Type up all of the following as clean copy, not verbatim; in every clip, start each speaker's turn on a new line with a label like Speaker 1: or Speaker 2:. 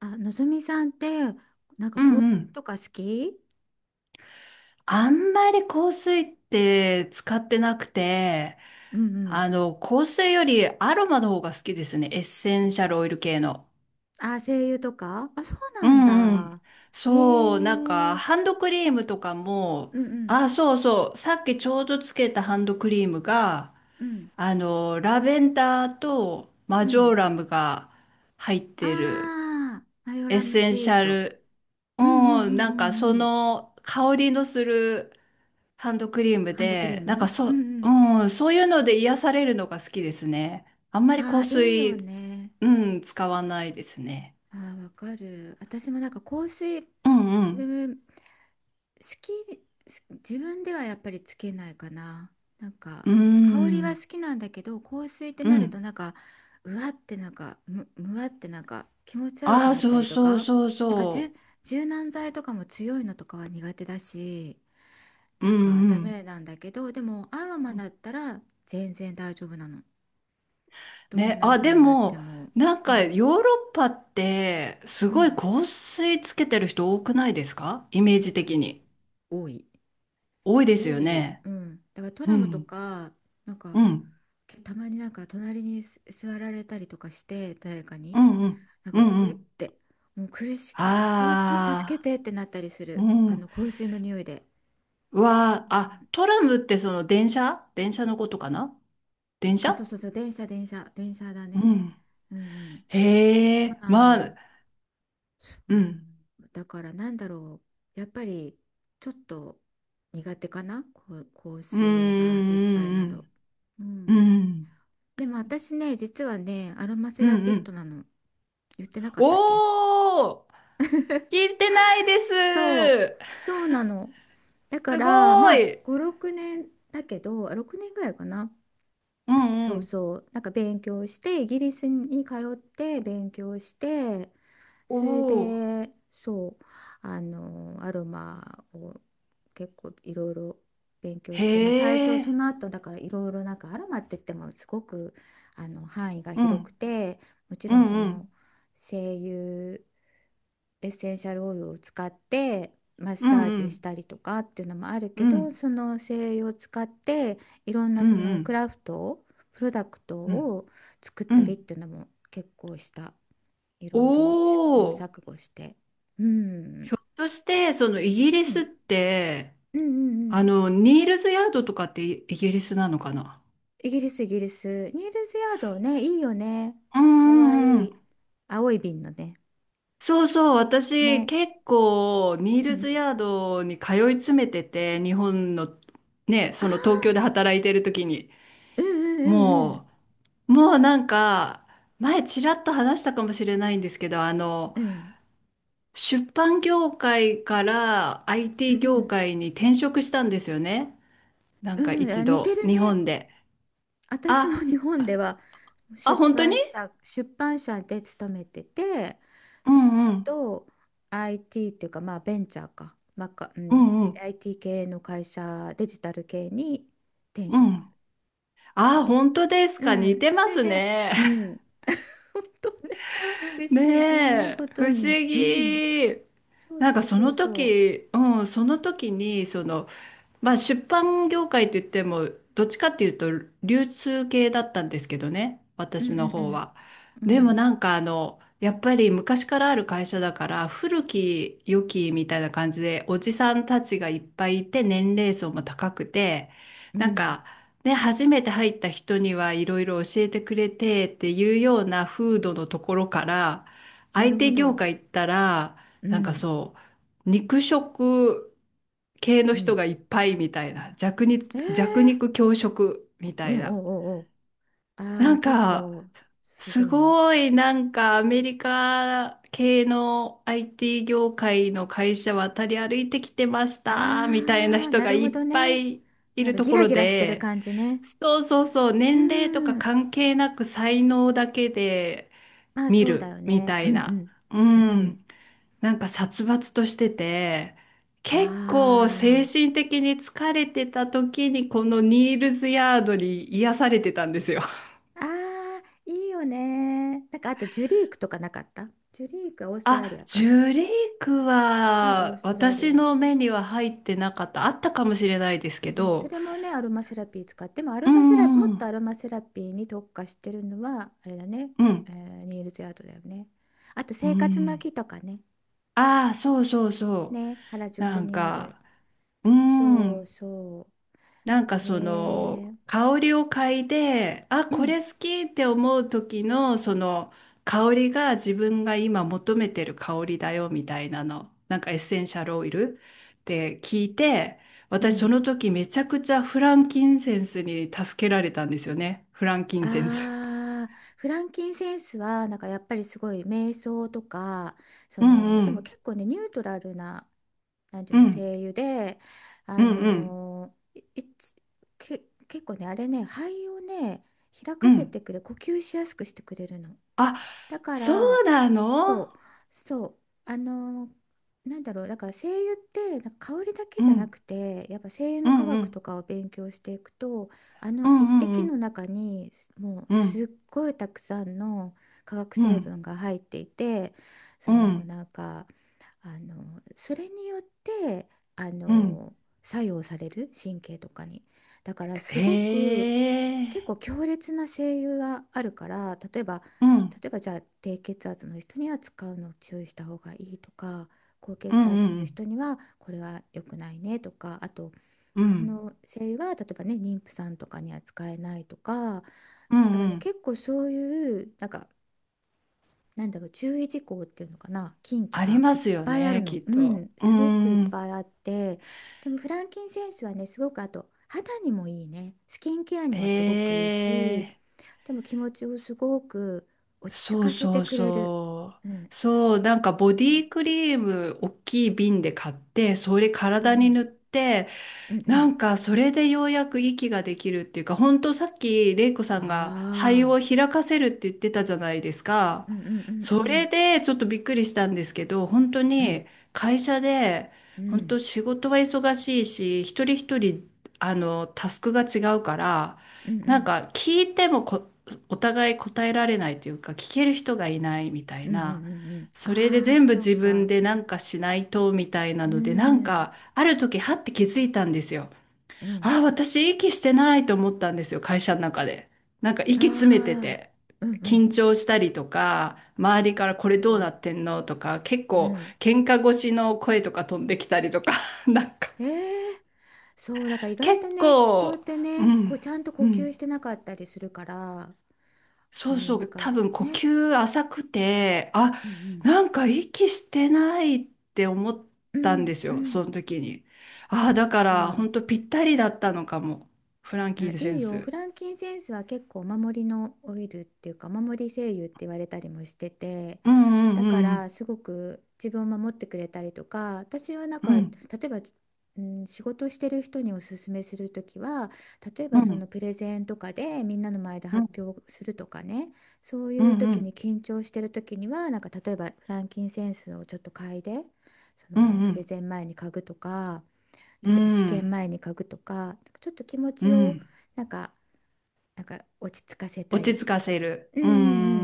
Speaker 1: あ、のぞみさんって、なんか
Speaker 2: う
Speaker 1: こう、
Speaker 2: んうん。
Speaker 1: とか好き。
Speaker 2: あんまり香水って使ってなくて、
Speaker 1: うんうん。
Speaker 2: 香水よりアロマの方が好きですね。エッセンシャルオイル系の。
Speaker 1: あ、声優とか、あ、そう
Speaker 2: う
Speaker 1: なん
Speaker 2: んうん。
Speaker 1: だ。へ
Speaker 2: そう、なん
Speaker 1: え。う
Speaker 2: か、
Speaker 1: ん
Speaker 2: ハンドクリームとかも、
Speaker 1: うん
Speaker 2: あ、そうそう、さっきちょうどつけたハンドクリームが、
Speaker 1: うん
Speaker 2: ラベンダーと
Speaker 1: う
Speaker 2: マジョ
Speaker 1: ん。
Speaker 2: ーラムが入ってる
Speaker 1: ああ、マヨ
Speaker 2: エッ
Speaker 1: ラム
Speaker 2: セ
Speaker 1: ス
Speaker 2: ン
Speaker 1: イ
Speaker 2: シ
Speaker 1: ー
Speaker 2: ャ
Speaker 1: ト。
Speaker 2: ル、
Speaker 1: うんうん
Speaker 2: う
Speaker 1: う
Speaker 2: ん、なんかそ
Speaker 1: んうんうん。
Speaker 2: の香りのするハンドクリーム
Speaker 1: ハンドクリー
Speaker 2: で、なんか
Speaker 1: ム。うんうん。
Speaker 2: うん、そういうので癒されるのが好きですね。あんまり
Speaker 1: あ
Speaker 2: 香
Speaker 1: あ、いいよ
Speaker 2: 水、
Speaker 1: ね。
Speaker 2: うん、使わないですね。
Speaker 1: ああ、わかる。私もなんか香水
Speaker 2: うんうん。
Speaker 1: 好き、自分ではやっぱりつけないかな。なんか
Speaker 2: う
Speaker 1: 香りは
Speaker 2: ん
Speaker 1: 好きなんだけど、香水って
Speaker 2: う
Speaker 1: なると
Speaker 2: ん。
Speaker 1: なんか、うわって、なんかむわってなんか気持ち悪く
Speaker 2: ああ、
Speaker 1: なった
Speaker 2: そう
Speaker 1: りと
Speaker 2: そう
Speaker 1: か、
Speaker 2: そう
Speaker 1: なんか
Speaker 2: そ
Speaker 1: 柔軟剤とかも強いのとかは苦手だし、
Speaker 2: う。う
Speaker 1: なんか
Speaker 2: んう
Speaker 1: ダ
Speaker 2: ん。
Speaker 1: メなんだけど、でもアロマだったら全然大丈夫なの。どん
Speaker 2: ね、
Speaker 1: な
Speaker 2: あ、で
Speaker 1: 風になって
Speaker 2: も、
Speaker 1: も。
Speaker 2: なん
Speaker 1: う
Speaker 2: か
Speaker 1: ん、
Speaker 2: ヨーロッパってす
Speaker 1: う
Speaker 2: ごい
Speaker 1: ん。
Speaker 2: 香水つけてる人多くないですか、イメー
Speaker 1: 多
Speaker 2: ジ的
Speaker 1: い、
Speaker 2: に。
Speaker 1: 多い、
Speaker 2: 多いです
Speaker 1: 多
Speaker 2: よ
Speaker 1: い。
Speaker 2: ね。
Speaker 1: うん。だからト
Speaker 2: う
Speaker 1: ラムと
Speaker 2: ん。
Speaker 1: か、なん
Speaker 2: う
Speaker 1: か、
Speaker 2: ん。
Speaker 1: たまになんか隣に座られたりとかして、誰か
Speaker 2: う
Speaker 1: に
Speaker 2: んうん。
Speaker 1: なん
Speaker 2: う
Speaker 1: か、
Speaker 2: んう
Speaker 1: うっ
Speaker 2: ん。
Speaker 1: て、もう苦しい、苦しい、助け
Speaker 2: あ
Speaker 1: てってなったりす
Speaker 2: あ。う
Speaker 1: る、あ
Speaker 2: ん。
Speaker 1: の香水の匂いで。
Speaker 2: わ
Speaker 1: う
Speaker 2: ー、あ、
Speaker 1: ん。
Speaker 2: トラムってその電車のことかな？電
Speaker 1: あ、そ
Speaker 2: 車。
Speaker 1: うそうそう、電車電車電車だ
Speaker 2: う
Speaker 1: ね。
Speaker 2: ん。
Speaker 1: うんうん。そ
Speaker 2: へ
Speaker 1: う
Speaker 2: え、
Speaker 1: なの
Speaker 2: ま
Speaker 1: よ。
Speaker 2: あ、
Speaker 1: そう
Speaker 2: うん。
Speaker 1: だから、なんだろう、やっぱりちょっと苦手かな、こう、香
Speaker 2: うん、
Speaker 1: 水がいっぱいな
Speaker 2: う
Speaker 1: ど。
Speaker 2: ん、
Speaker 1: う
Speaker 2: うん、う
Speaker 1: ん。
Speaker 2: ん、
Speaker 1: でも私ね、実はねアロマ
Speaker 2: う
Speaker 1: セ
Speaker 2: ん、
Speaker 1: ラ
Speaker 2: う
Speaker 1: ピスト
Speaker 2: ん。
Speaker 1: なの。言ってなかったっけ。
Speaker 2: おー、聞いてないです。
Speaker 1: そう、そうなの。だか
Speaker 2: すご
Speaker 1: ら、まあ、
Speaker 2: い。
Speaker 1: 5、6年だけど、あ、6年ぐらいかな。
Speaker 2: うん、う
Speaker 1: そう
Speaker 2: ん。
Speaker 1: そう。なんか勉強して、イギリスに通って勉強して、それ
Speaker 2: おー、
Speaker 1: で、そう、アロマを結構いろいろ勉強して、まあ、最
Speaker 2: へ
Speaker 1: 初、そ
Speaker 2: え、
Speaker 1: の後、だからいろいろ、なんかアロマって言ってもすごく、範囲が
Speaker 2: う
Speaker 1: 広く
Speaker 2: ん、
Speaker 1: て、もち
Speaker 2: う
Speaker 1: ろん
Speaker 2: ん、
Speaker 1: そ
Speaker 2: う
Speaker 1: の、
Speaker 2: ん、
Speaker 1: 精油、エッセンシャルオイルを使ってマッ
Speaker 2: う
Speaker 1: サ
Speaker 2: ん、
Speaker 1: ー
Speaker 2: う
Speaker 1: ジし
Speaker 2: ん、
Speaker 1: たりとかっていうのもある
Speaker 2: う
Speaker 1: けど、
Speaker 2: ん、
Speaker 1: その精油を使っていろんな
Speaker 2: う
Speaker 1: そのク
Speaker 2: ん、
Speaker 1: ラフトを、プロダクト
Speaker 2: うん、
Speaker 1: を作っ
Speaker 2: うん。う
Speaker 1: たりっ
Speaker 2: ん。
Speaker 1: ていうのも結構した。いろいろ試行
Speaker 2: おー、
Speaker 1: 錯誤して、うん
Speaker 2: ひょっとして、そのイギ
Speaker 1: う
Speaker 2: リスっ
Speaker 1: ん
Speaker 2: て、
Speaker 1: うんうんうん、
Speaker 2: ニールズヤードとかってイギリスなのかな？
Speaker 1: イギリス、イギリス、ニールズヤードね、いいよね。
Speaker 2: うん
Speaker 1: か
Speaker 2: う
Speaker 1: わ
Speaker 2: んう
Speaker 1: い
Speaker 2: ん。
Speaker 1: い、青い瓶のね
Speaker 2: そうそう、私
Speaker 1: ね
Speaker 2: 結構ニー
Speaker 1: うん
Speaker 2: ル
Speaker 1: う
Speaker 2: ズ
Speaker 1: ん、
Speaker 2: ヤードに通い詰めてて、日本のね、
Speaker 1: あ
Speaker 2: その東
Speaker 1: ー、
Speaker 2: 京で働いてる時に、
Speaker 1: うんうんうん
Speaker 2: ももうなんか、前ちらっと話したかもしれないんですけど、あの、
Speaker 1: うん
Speaker 2: 出版業界から
Speaker 1: う
Speaker 2: IT 業
Speaker 1: ん
Speaker 2: 界に転職したんですよね。なん
Speaker 1: う
Speaker 2: か
Speaker 1: んうん、
Speaker 2: 一
Speaker 1: あ、似て
Speaker 2: 度、
Speaker 1: る
Speaker 2: 日
Speaker 1: ね。
Speaker 2: 本で。
Speaker 1: 私も
Speaker 2: あ、
Speaker 1: 日本では
Speaker 2: あ、
Speaker 1: 出
Speaker 2: 本当に。
Speaker 1: 版社、出版社で勤めてて、
Speaker 2: う
Speaker 1: そ
Speaker 2: んうん。
Speaker 1: の後 IT っていうか、まあベンチャーか、う
Speaker 2: う
Speaker 1: ん、
Speaker 2: んうん。
Speaker 1: IT 系の会社、デジタル系に転
Speaker 2: う
Speaker 1: 職
Speaker 2: ん。
Speaker 1: し
Speaker 2: ああ、
Speaker 1: て、
Speaker 2: 本当です
Speaker 1: う
Speaker 2: か。似て
Speaker 1: ん、そ
Speaker 2: ま
Speaker 1: れ
Speaker 2: す
Speaker 1: で、
Speaker 2: ね。
Speaker 1: うん、本当ね、不 思議な
Speaker 2: ねえ、
Speaker 1: こ
Speaker 2: 不
Speaker 1: と
Speaker 2: 思
Speaker 1: に、うん、
Speaker 2: 議。
Speaker 1: そう
Speaker 2: なん
Speaker 1: そ
Speaker 2: か
Speaker 1: う
Speaker 2: そ
Speaker 1: そう
Speaker 2: の
Speaker 1: そ
Speaker 2: 時、うん、その時に、その、まあ、出版業界といっても、どっちかっていうと流通系だったんですけどね、
Speaker 1: う、う
Speaker 2: 私の
Speaker 1: んう
Speaker 2: 方
Speaker 1: ん
Speaker 2: は。
Speaker 1: う
Speaker 2: でも
Speaker 1: ん、
Speaker 2: なんかやっぱり昔からある会社だから古き良きみたいな感じで、おじさんたちがいっぱいいて、年齢層も高くて、
Speaker 1: うん、う
Speaker 2: なん
Speaker 1: ん、
Speaker 2: かね、初めて入った人にはいろいろ教えてくれてっていうような風土のところから、
Speaker 1: な
Speaker 2: 相
Speaker 1: るほ
Speaker 2: 手業
Speaker 1: ど、
Speaker 2: 界行ったら、
Speaker 1: う
Speaker 2: なんか、
Speaker 1: ん、
Speaker 2: そう、肉食系の
Speaker 1: う
Speaker 2: 人
Speaker 1: ん。
Speaker 2: がいっぱいみたいな、弱肉、
Speaker 1: えー、
Speaker 2: 弱肉強食み
Speaker 1: う
Speaker 2: たい
Speaker 1: ん、
Speaker 2: な。
Speaker 1: おう、おう、あ
Speaker 2: な
Speaker 1: あ、
Speaker 2: ん
Speaker 1: 結
Speaker 2: か、
Speaker 1: 構す
Speaker 2: す
Speaker 1: ごいね。
Speaker 2: ごいなんかアメリカ系の IT 業界の会社渡り歩いてきてましたみたいな
Speaker 1: ああ、
Speaker 2: 人
Speaker 1: な
Speaker 2: が
Speaker 1: る
Speaker 2: い
Speaker 1: ほ
Speaker 2: っ
Speaker 1: ど
Speaker 2: ぱ
Speaker 1: ね。
Speaker 2: いい
Speaker 1: なん
Speaker 2: る
Speaker 1: か
Speaker 2: と
Speaker 1: ギ
Speaker 2: こ
Speaker 1: ラ
Speaker 2: ろ
Speaker 1: ギラしてる
Speaker 2: で、
Speaker 1: 感じね。
Speaker 2: そうそうそう、
Speaker 1: う
Speaker 2: 年齢とか
Speaker 1: ん。
Speaker 2: 関係なく才能だけで
Speaker 1: まあ
Speaker 2: 見
Speaker 1: そうだ
Speaker 2: る
Speaker 1: よ
Speaker 2: み
Speaker 1: ね。
Speaker 2: た
Speaker 1: う
Speaker 2: い
Speaker 1: んう
Speaker 2: な。う
Speaker 1: ん。うん。
Speaker 2: ん。なんか殺伐としてて、結構精
Speaker 1: ああ。
Speaker 2: 神的に疲れてた時に、このニールズヤードに癒されてたんですよ。
Speaker 1: ああ、いいよね。なんかあとジュリークとか、なかった。ジュリークはオーストラリ
Speaker 2: あ、
Speaker 1: ア
Speaker 2: ジ
Speaker 1: か。
Speaker 2: ュリーク
Speaker 1: まあオー
Speaker 2: は
Speaker 1: ストラリ
Speaker 2: 私
Speaker 1: ア。
Speaker 2: の目には入ってなかった。あったかもしれないですけ
Speaker 1: うん、そ
Speaker 2: ど。
Speaker 1: れもね、アロマセラピー使っても、アロ
Speaker 2: う
Speaker 1: マセラ、
Speaker 2: ん
Speaker 1: も
Speaker 2: う
Speaker 1: っと
Speaker 2: ん
Speaker 1: アロマセラピーに特化してるのは、あれだね、
Speaker 2: うん。
Speaker 1: ニールズヤードだよね。あと
Speaker 2: う
Speaker 1: 生活の
Speaker 2: ん。
Speaker 1: 木とかね。
Speaker 2: ああ、そうそうそう。
Speaker 1: ね、原
Speaker 2: な
Speaker 1: 宿
Speaker 2: ん
Speaker 1: にある。
Speaker 2: か、う
Speaker 1: そう
Speaker 2: ん。
Speaker 1: そ
Speaker 2: なんか
Speaker 1: う。
Speaker 2: その香りを嗅いで、あ、
Speaker 1: う
Speaker 2: こ
Speaker 1: ん、
Speaker 2: れ好きって思う時の、その香りが自分が今求めてる香りだよみたいなの、なんかエッセンシャルオイルって聞いて、
Speaker 1: う
Speaker 2: 私そ
Speaker 1: ん。
Speaker 2: の時めちゃくちゃフランキンセンスに助けられたんですよね。フランキンセンス。
Speaker 1: ああ、フランキンセンスは、なんかやっぱりすごい瞑想とか、そ
Speaker 2: うん
Speaker 1: の、
Speaker 2: う
Speaker 1: でも
Speaker 2: ん
Speaker 1: 結構ね、ニュートラルな、なんていう
Speaker 2: う
Speaker 1: の、
Speaker 2: ん
Speaker 1: 声優で、
Speaker 2: う
Speaker 1: あ
Speaker 2: んうん
Speaker 1: のーいいちけ、結構ね、あれね、肺をね、開
Speaker 2: う
Speaker 1: かせて
Speaker 2: ん。
Speaker 1: くれ、呼吸しやすくしてくれるの。
Speaker 2: あ、
Speaker 1: だか
Speaker 2: そ
Speaker 1: ら、
Speaker 2: うなの。
Speaker 1: そう、そう、あのーなんだろう、だから精油ってなんか香りだけ
Speaker 2: う
Speaker 1: じゃな
Speaker 2: ん
Speaker 1: くて、やっぱ精油
Speaker 2: う
Speaker 1: の科
Speaker 2: んう
Speaker 1: 学と
Speaker 2: ん
Speaker 1: かを勉強していくと、
Speaker 2: う
Speaker 1: 一
Speaker 2: んう
Speaker 1: 滴の
Speaker 2: ん
Speaker 1: 中にもう
Speaker 2: う
Speaker 1: す
Speaker 2: ん
Speaker 1: っごいたくさんの化学
Speaker 2: う
Speaker 1: 成
Speaker 2: ん
Speaker 1: 分が入っていて、
Speaker 2: う
Speaker 1: その
Speaker 2: ん
Speaker 1: なんか、それによってあ
Speaker 2: うん。
Speaker 1: の作用される神経とかに、だからす
Speaker 2: へ
Speaker 1: ごく結構
Speaker 2: え。
Speaker 1: 強烈な声優があるから、例えば、
Speaker 2: うん。
Speaker 1: 例えばじゃあ低血圧の人には使うのを注意した方がいいとか、高
Speaker 2: う
Speaker 1: 血
Speaker 2: ん
Speaker 1: 圧
Speaker 2: う
Speaker 1: の
Speaker 2: ん
Speaker 1: 人にはこれは良くないねとか、あと
Speaker 2: うん。う
Speaker 1: こ
Speaker 2: ん。
Speaker 1: の声優は例えばね妊婦さんとかには使えないとか、
Speaker 2: うん
Speaker 1: だから
Speaker 2: う
Speaker 1: ね、
Speaker 2: ん。
Speaker 1: 結構そういう、なんか、なんだろう、注意事項っていうのかな、禁忌
Speaker 2: あり
Speaker 1: が
Speaker 2: ま
Speaker 1: いっ
Speaker 2: すよ
Speaker 1: ぱいある
Speaker 2: ね、
Speaker 1: の。
Speaker 2: きっ
Speaker 1: う
Speaker 2: と。
Speaker 1: ん、
Speaker 2: うー
Speaker 1: すごくいっぱ
Speaker 2: ん。
Speaker 1: いあって、でもフランキンセンスはね、すごくあと肌にもいいね、スキンケアにもすごく
Speaker 2: へ
Speaker 1: いいし、
Speaker 2: え。
Speaker 1: でも気持ちをすごく落ち着
Speaker 2: そう
Speaker 1: かせ
Speaker 2: そ
Speaker 1: て
Speaker 2: う
Speaker 1: くれる。
Speaker 2: そう。
Speaker 1: うん
Speaker 2: そう、なんかボディクリーム、大きい瓶で買って、それ
Speaker 1: うん
Speaker 2: 体
Speaker 1: う
Speaker 2: に
Speaker 1: ん
Speaker 2: 塗って、
Speaker 1: うんう
Speaker 2: な
Speaker 1: ん、
Speaker 2: んかそれでようやく息ができるっていうか、本当さっき玲子さんが、肺
Speaker 1: あ
Speaker 2: を
Speaker 1: あ
Speaker 2: 開かせるって言ってたじゃないです
Speaker 1: ー、
Speaker 2: か。
Speaker 1: うんうんう
Speaker 2: それ
Speaker 1: ん
Speaker 2: でちょっとびっくりしたんですけど、本当
Speaker 1: うん
Speaker 2: に会社で、
Speaker 1: う
Speaker 2: 本
Speaker 1: ん
Speaker 2: 当仕事は忙しいし、一人一人あのタスクが違うから、
Speaker 1: うんう
Speaker 2: なん
Speaker 1: ん
Speaker 2: か聞いても、お互い答えられないというか、聞ける人がいないみた
Speaker 1: う
Speaker 2: い
Speaker 1: んうん、う
Speaker 2: な。
Speaker 1: んうんうん、
Speaker 2: それで
Speaker 1: ああー、
Speaker 2: 全部
Speaker 1: そう
Speaker 2: 自分
Speaker 1: か、
Speaker 2: でなんかしないとみたいな
Speaker 1: う
Speaker 2: ので、なん
Speaker 1: ん
Speaker 2: か。ある時、はって気づいたんですよ。
Speaker 1: うん、
Speaker 2: ああ、私息してないと思ったんですよ、会社の中で。なんか息詰めて
Speaker 1: ああ
Speaker 2: て、
Speaker 1: ー、うんう
Speaker 2: 緊
Speaker 1: ん、
Speaker 2: 張したりとか、周りからこれ
Speaker 1: そ
Speaker 2: どうな
Speaker 1: う。
Speaker 2: ってんのとか、結
Speaker 1: う
Speaker 2: 構
Speaker 1: ん。
Speaker 2: 喧嘩越しの声とか飛んできたりとか、なんか
Speaker 1: ええ、そう、だから意外と
Speaker 2: 結
Speaker 1: ね、人っ
Speaker 2: 構、
Speaker 1: て
Speaker 2: う
Speaker 1: ね、こ
Speaker 2: ん、
Speaker 1: うちゃんと呼
Speaker 2: うん。
Speaker 1: 吸してなかったりするから、う
Speaker 2: そう
Speaker 1: ん、
Speaker 2: そ
Speaker 1: なん
Speaker 2: う、多
Speaker 1: か
Speaker 2: 分呼
Speaker 1: ね、
Speaker 2: 吸浅くて、あ、
Speaker 1: うん
Speaker 2: なんか息してないって思っ
Speaker 1: うん、
Speaker 2: たんです
Speaker 1: うん
Speaker 2: よ、
Speaker 1: うん、
Speaker 2: その時に。あ
Speaker 1: そ
Speaker 2: あ、
Speaker 1: っ
Speaker 2: だから
Speaker 1: か。
Speaker 2: 本当ぴったりだったのかも、フランキ
Speaker 1: あ、
Speaker 2: ンセ
Speaker 1: いい
Speaker 2: ン
Speaker 1: よ。フ
Speaker 2: ス。
Speaker 1: ランキンセンスは結構お守りのオイルっていうか、お守り精油って言われたりもしてて、
Speaker 2: うんう
Speaker 1: だか
Speaker 2: んう
Speaker 1: ら
Speaker 2: ん
Speaker 1: すごく自分を守ってくれたりとか、私はなん
Speaker 2: う
Speaker 1: か、例
Speaker 2: ん
Speaker 1: えば、うん、仕事してる人におすすめするときは、例え
Speaker 2: う
Speaker 1: ばその
Speaker 2: ん
Speaker 1: プレゼンとかでみんなの前で
Speaker 2: うん
Speaker 1: 発表するとかね、そう
Speaker 2: う
Speaker 1: いう時
Speaker 2: ん
Speaker 1: に緊張してる時には、なんか、例えばフランキンセンスをちょっと嗅いで、そ
Speaker 2: う
Speaker 1: のプレ
Speaker 2: ん
Speaker 1: ゼン前に嗅ぐとか、
Speaker 2: う
Speaker 1: 例えば試験
Speaker 2: ん
Speaker 1: 前に書くとか、なんかちょっと気持
Speaker 2: う
Speaker 1: ちを
Speaker 2: ん。
Speaker 1: なんか、なんか落ち着かせた
Speaker 2: 落ち
Speaker 1: い。
Speaker 2: 着かせる。
Speaker 1: うんう
Speaker 2: う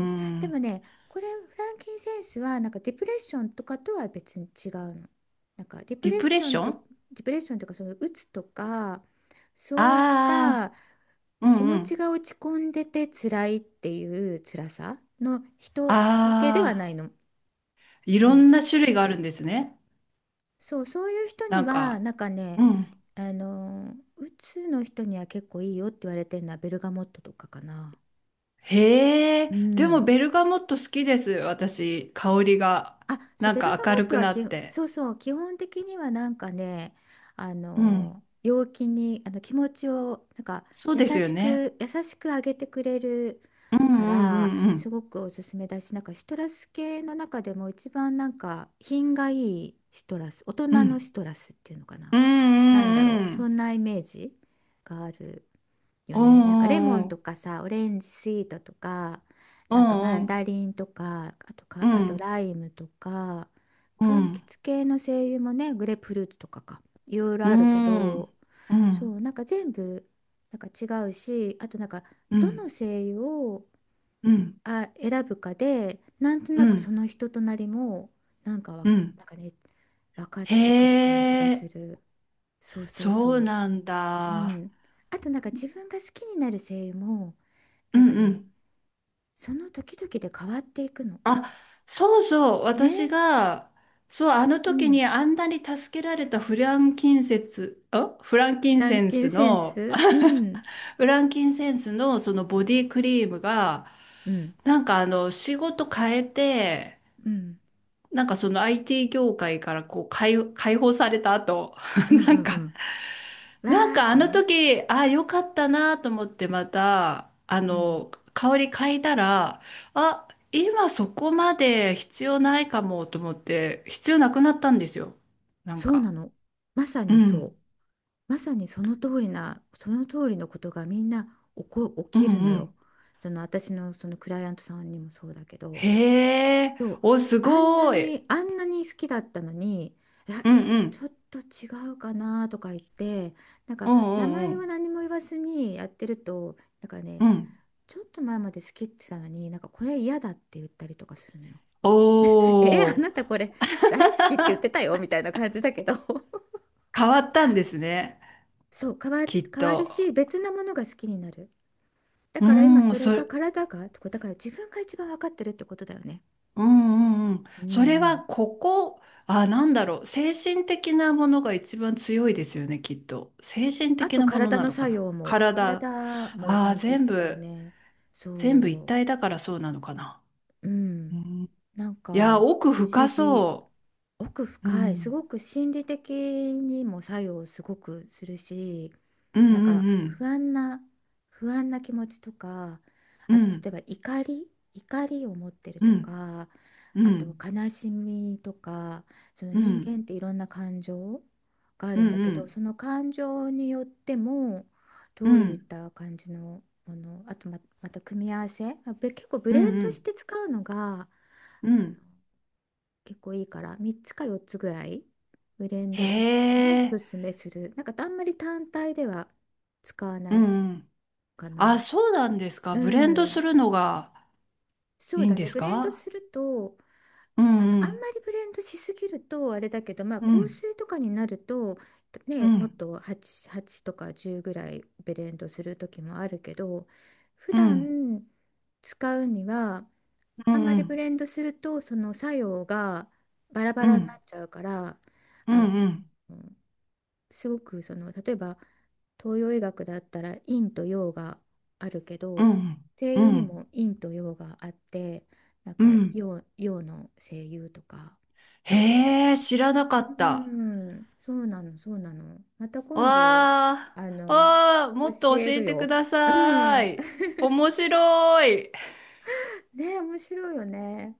Speaker 1: んうん。でもね、これフランキンセンスはなんかディプレッションとかとは別に違うの。なんかディプ
Speaker 2: ディ
Speaker 1: レッ
Speaker 2: プレッ
Speaker 1: ショ
Speaker 2: シ
Speaker 1: ン
Speaker 2: ョ
Speaker 1: と、
Speaker 2: ン。
Speaker 1: ディプレッションとかそのうつとか、そういっ
Speaker 2: ああ
Speaker 1: た
Speaker 2: ー、う
Speaker 1: 気
Speaker 2: んう
Speaker 1: 持ち
Speaker 2: ん。
Speaker 1: が落ち込んでて辛いっていう辛さの人向けでは
Speaker 2: あ
Speaker 1: な
Speaker 2: あ、
Speaker 1: いの。
Speaker 2: い
Speaker 1: う
Speaker 2: ろん
Speaker 1: ん。
Speaker 2: な種類があるんですね。
Speaker 1: そう、そういう人に
Speaker 2: なん
Speaker 1: は
Speaker 2: か、
Speaker 1: なんかね、
Speaker 2: うん。
Speaker 1: あのうつの人には結構いいよって言われてるのはベルガモットとかかな。
Speaker 2: へ
Speaker 1: う
Speaker 2: え、でも
Speaker 1: ん。
Speaker 2: ベルガモット好きです、私。香りが。
Speaker 1: あ、そう、
Speaker 2: なん
Speaker 1: ベル
Speaker 2: か
Speaker 1: ガモ
Speaker 2: 明
Speaker 1: ッ
Speaker 2: る
Speaker 1: ト
Speaker 2: く
Speaker 1: は
Speaker 2: なって。
Speaker 1: そうそう、基本的にはなんかね、あ
Speaker 2: うん。
Speaker 1: の陽気にあの気持ちをなんか
Speaker 2: そう
Speaker 1: 優
Speaker 2: ですよ
Speaker 1: し
Speaker 2: ね。
Speaker 1: く、優しく上げてくれる
Speaker 2: うん
Speaker 1: か
Speaker 2: う
Speaker 1: ら、
Speaker 2: んうんう
Speaker 1: す
Speaker 2: ん。
Speaker 1: ごくおすすめだし、なんかシトラス系の中でも一番なんか品がいいシトラス、大人
Speaker 2: う
Speaker 1: の
Speaker 2: ん
Speaker 1: シトラスっていうのかな。
Speaker 2: うん
Speaker 1: なんだ
Speaker 2: う
Speaker 1: ろ
Speaker 2: ん
Speaker 1: う、
Speaker 2: う
Speaker 1: そ
Speaker 2: ん。
Speaker 1: んなイメージがある。よ
Speaker 2: う
Speaker 1: ね。なんかレモ
Speaker 2: ん
Speaker 1: ン
Speaker 2: う
Speaker 1: と
Speaker 2: ん
Speaker 1: かさ、オレンジスイートとか、
Speaker 2: う
Speaker 1: なんかマン
Speaker 2: ん。
Speaker 1: ダリンとか、あとか、
Speaker 2: う
Speaker 1: あと
Speaker 2: ん
Speaker 1: ライムとか、柑橘系の精油もね、グレープフルーツとかか、いろいろ
Speaker 2: う
Speaker 1: あるけ
Speaker 2: んうん
Speaker 1: ど、
Speaker 2: う
Speaker 1: そ
Speaker 2: ん
Speaker 1: う、なんか全部なんか違うし、あとなんか、
Speaker 2: う
Speaker 1: ど
Speaker 2: ん
Speaker 1: の精油を
Speaker 2: うんうん
Speaker 1: 選ぶかで、なんと
Speaker 2: う
Speaker 1: なく
Speaker 2: ん
Speaker 1: その人となりもなんか
Speaker 2: うん。
Speaker 1: なんかね、分かっ
Speaker 2: へ
Speaker 1: てくる感じがす
Speaker 2: え、
Speaker 1: る。そうそう
Speaker 2: そう
Speaker 1: そ
Speaker 2: なん
Speaker 1: う。う
Speaker 2: だ。
Speaker 1: ん、あとなんか自分が好きになる声優も
Speaker 2: う
Speaker 1: なん
Speaker 2: ん
Speaker 1: か
Speaker 2: う
Speaker 1: ね、
Speaker 2: ん。
Speaker 1: その時々で変わっていくの。
Speaker 2: あ、そうそう、私
Speaker 1: ね。
Speaker 2: が、そう、あの
Speaker 1: う
Speaker 2: 時
Speaker 1: ん。
Speaker 2: にあんなに助けられたフランキン
Speaker 1: ラ
Speaker 2: セ
Speaker 1: ン
Speaker 2: ン
Speaker 1: キン
Speaker 2: ス
Speaker 1: セン
Speaker 2: の、
Speaker 1: ス。うん。
Speaker 2: フランキンセンスのそのボディクリームが、
Speaker 1: うん。
Speaker 2: なんか仕事変えて、
Speaker 1: うん。
Speaker 2: なんかその IT 業界から、こう、解放された後、
Speaker 1: うん
Speaker 2: な
Speaker 1: う
Speaker 2: ん
Speaker 1: んう
Speaker 2: か、
Speaker 1: ん。
Speaker 2: なん
Speaker 1: わーっ
Speaker 2: かあ
Speaker 1: て
Speaker 2: の
Speaker 1: ね。
Speaker 2: 時、ああ、よかったなと思ってまた、
Speaker 1: うん。
Speaker 2: 香り嗅いだら、あ、今そこまで必要ないかもと思って、必要なくなったんですよ。なん
Speaker 1: そう
Speaker 2: か。
Speaker 1: なの。まさ
Speaker 2: う
Speaker 1: にそ
Speaker 2: ん。
Speaker 1: う。まさにその通りな、その通りのことがみんな起
Speaker 2: うん
Speaker 1: きるの
Speaker 2: う
Speaker 1: よ。
Speaker 2: ん。
Speaker 1: その私のそのクライアントさんにもそうだけど。
Speaker 2: へえ。
Speaker 1: そう、
Speaker 2: お、す
Speaker 1: あんな
Speaker 2: ごい。
Speaker 1: に、あんなに好きだったのに、いや
Speaker 2: うん
Speaker 1: 今
Speaker 2: う
Speaker 1: ちょ
Speaker 2: ん。
Speaker 1: っと違うかなとか言って、なん
Speaker 2: う
Speaker 1: か
Speaker 2: んう
Speaker 1: 名
Speaker 2: んう
Speaker 1: 前は
Speaker 2: ん。
Speaker 1: 何も言わずにやってるとなんかね、
Speaker 2: うん。
Speaker 1: ちょっと前まで好きって言ってたのになんかこれ嫌だって言ったりとかするのよ。
Speaker 2: お
Speaker 1: えあなた
Speaker 2: ー。
Speaker 1: これ大好きって言ってたよみたいな感じだけど
Speaker 2: 変わったんですね、
Speaker 1: そう
Speaker 2: きっ
Speaker 1: 変わる
Speaker 2: と。
Speaker 1: し、別なものが好きになる、だ
Speaker 2: う
Speaker 1: から今
Speaker 2: ーん、
Speaker 1: それ
Speaker 2: そ
Speaker 1: が
Speaker 2: れ、
Speaker 1: 体がだから自分が一番分かってるってことだよね。
Speaker 2: うんうんうん。
Speaker 1: うん
Speaker 2: それ
Speaker 1: う
Speaker 2: は
Speaker 1: ん、
Speaker 2: ここ、あ、なんだろう。精神的なものが一番強いですよね、きっと。精神
Speaker 1: あ
Speaker 2: 的
Speaker 1: と
Speaker 2: なもの
Speaker 1: 体
Speaker 2: な
Speaker 1: の
Speaker 2: のか
Speaker 1: 作
Speaker 2: な。
Speaker 1: 用も、
Speaker 2: 体。
Speaker 1: 体も
Speaker 2: ああ、
Speaker 1: 関係し
Speaker 2: 全
Speaker 1: てくるよ
Speaker 2: 部、
Speaker 1: ね。
Speaker 2: 全部一
Speaker 1: そ
Speaker 2: 体だからそうなのかな。
Speaker 1: う、う
Speaker 2: う
Speaker 1: ん。
Speaker 2: ん、い
Speaker 1: なんか
Speaker 2: や、奥
Speaker 1: 不思
Speaker 2: 深
Speaker 1: 議。
Speaker 2: そ
Speaker 1: 奥
Speaker 2: う。う
Speaker 1: 深い、す
Speaker 2: ん、
Speaker 1: ごく心理的にも作用すごくするし、
Speaker 2: うん
Speaker 1: なん
Speaker 2: うん
Speaker 1: か
Speaker 2: う
Speaker 1: 不
Speaker 2: ん。
Speaker 1: 安な、不安な気持ちとか、
Speaker 2: う
Speaker 1: あと例
Speaker 2: ん、
Speaker 1: えば怒り、怒りを持ってる
Speaker 2: う
Speaker 1: と
Speaker 2: ん、
Speaker 1: か、
Speaker 2: う
Speaker 1: あと
Speaker 2: ん、
Speaker 1: 悲しみとか、その
Speaker 2: う
Speaker 1: 人
Speaker 2: ん、
Speaker 1: 間っていろんな感情があ
Speaker 2: う
Speaker 1: る
Speaker 2: ん、
Speaker 1: んだ
Speaker 2: う
Speaker 1: けど、
Speaker 2: ん、
Speaker 1: その感情によっても、
Speaker 2: う
Speaker 1: どういっ
Speaker 2: ん、
Speaker 1: た感じのもの、あとま、また組み合わせ、まあ結構ブ
Speaker 2: う
Speaker 1: レンドし
Speaker 2: ん、
Speaker 1: て使うのが
Speaker 2: うん。
Speaker 1: 結構いいから、3つか4つぐらいブレン
Speaker 2: へ
Speaker 1: ドするのをお
Speaker 2: え、
Speaker 1: すすめする。なんかあんまり単体では使わ
Speaker 2: う
Speaker 1: な
Speaker 2: んうんう
Speaker 1: い
Speaker 2: んうんうんうんうんうんうん。へえ。うんうん。
Speaker 1: か
Speaker 2: あ、
Speaker 1: な。
Speaker 2: そうなんですか。
Speaker 1: う
Speaker 2: ブレンドす
Speaker 1: ん、
Speaker 2: るのが。
Speaker 1: そ
Speaker 2: い
Speaker 1: う
Speaker 2: いん
Speaker 1: だ
Speaker 2: で
Speaker 1: ね、
Speaker 2: す
Speaker 1: ブレンド
Speaker 2: か？
Speaker 1: すると、
Speaker 2: う
Speaker 1: あの
Speaker 2: んう
Speaker 1: あんま
Speaker 2: ん
Speaker 1: りブレンドしすぎるとあれだけど、まあ
Speaker 2: う
Speaker 1: 香
Speaker 2: ん
Speaker 1: 水とかになると
Speaker 2: う
Speaker 1: ね、もっ
Speaker 2: ん
Speaker 1: と 8, 8とか10ぐらいブレンドする時もあるけど、普
Speaker 2: うん
Speaker 1: 段使うには
Speaker 2: う
Speaker 1: あ
Speaker 2: ん
Speaker 1: んま
Speaker 2: う
Speaker 1: りブ
Speaker 2: ん
Speaker 1: レンドするとその作用がバラバ
Speaker 2: う
Speaker 1: ラにな
Speaker 2: ん
Speaker 1: っちゃうから、
Speaker 2: う
Speaker 1: あの、
Speaker 2: ん
Speaker 1: すごくその、例えば東洋医学だったら陰と陽があるけ
Speaker 2: う
Speaker 1: ど、
Speaker 2: ん
Speaker 1: 声
Speaker 2: う
Speaker 1: 優に
Speaker 2: ん
Speaker 1: も陰と陽があって、なん
Speaker 2: う
Speaker 1: か
Speaker 2: ん。
Speaker 1: 陽の声優とか、
Speaker 2: へえ、知らなか
Speaker 1: う
Speaker 2: った。
Speaker 1: ーん、そうなの、そうなの、また今度、
Speaker 2: わ
Speaker 1: あ
Speaker 2: あ。
Speaker 1: の
Speaker 2: わあ、もっ
Speaker 1: 教
Speaker 2: と
Speaker 1: え
Speaker 2: 教え
Speaker 1: る
Speaker 2: てく
Speaker 1: よ。
Speaker 2: だ
Speaker 1: う
Speaker 2: さ
Speaker 1: ん
Speaker 2: い。面白い。
Speaker 1: ね、面白いよね。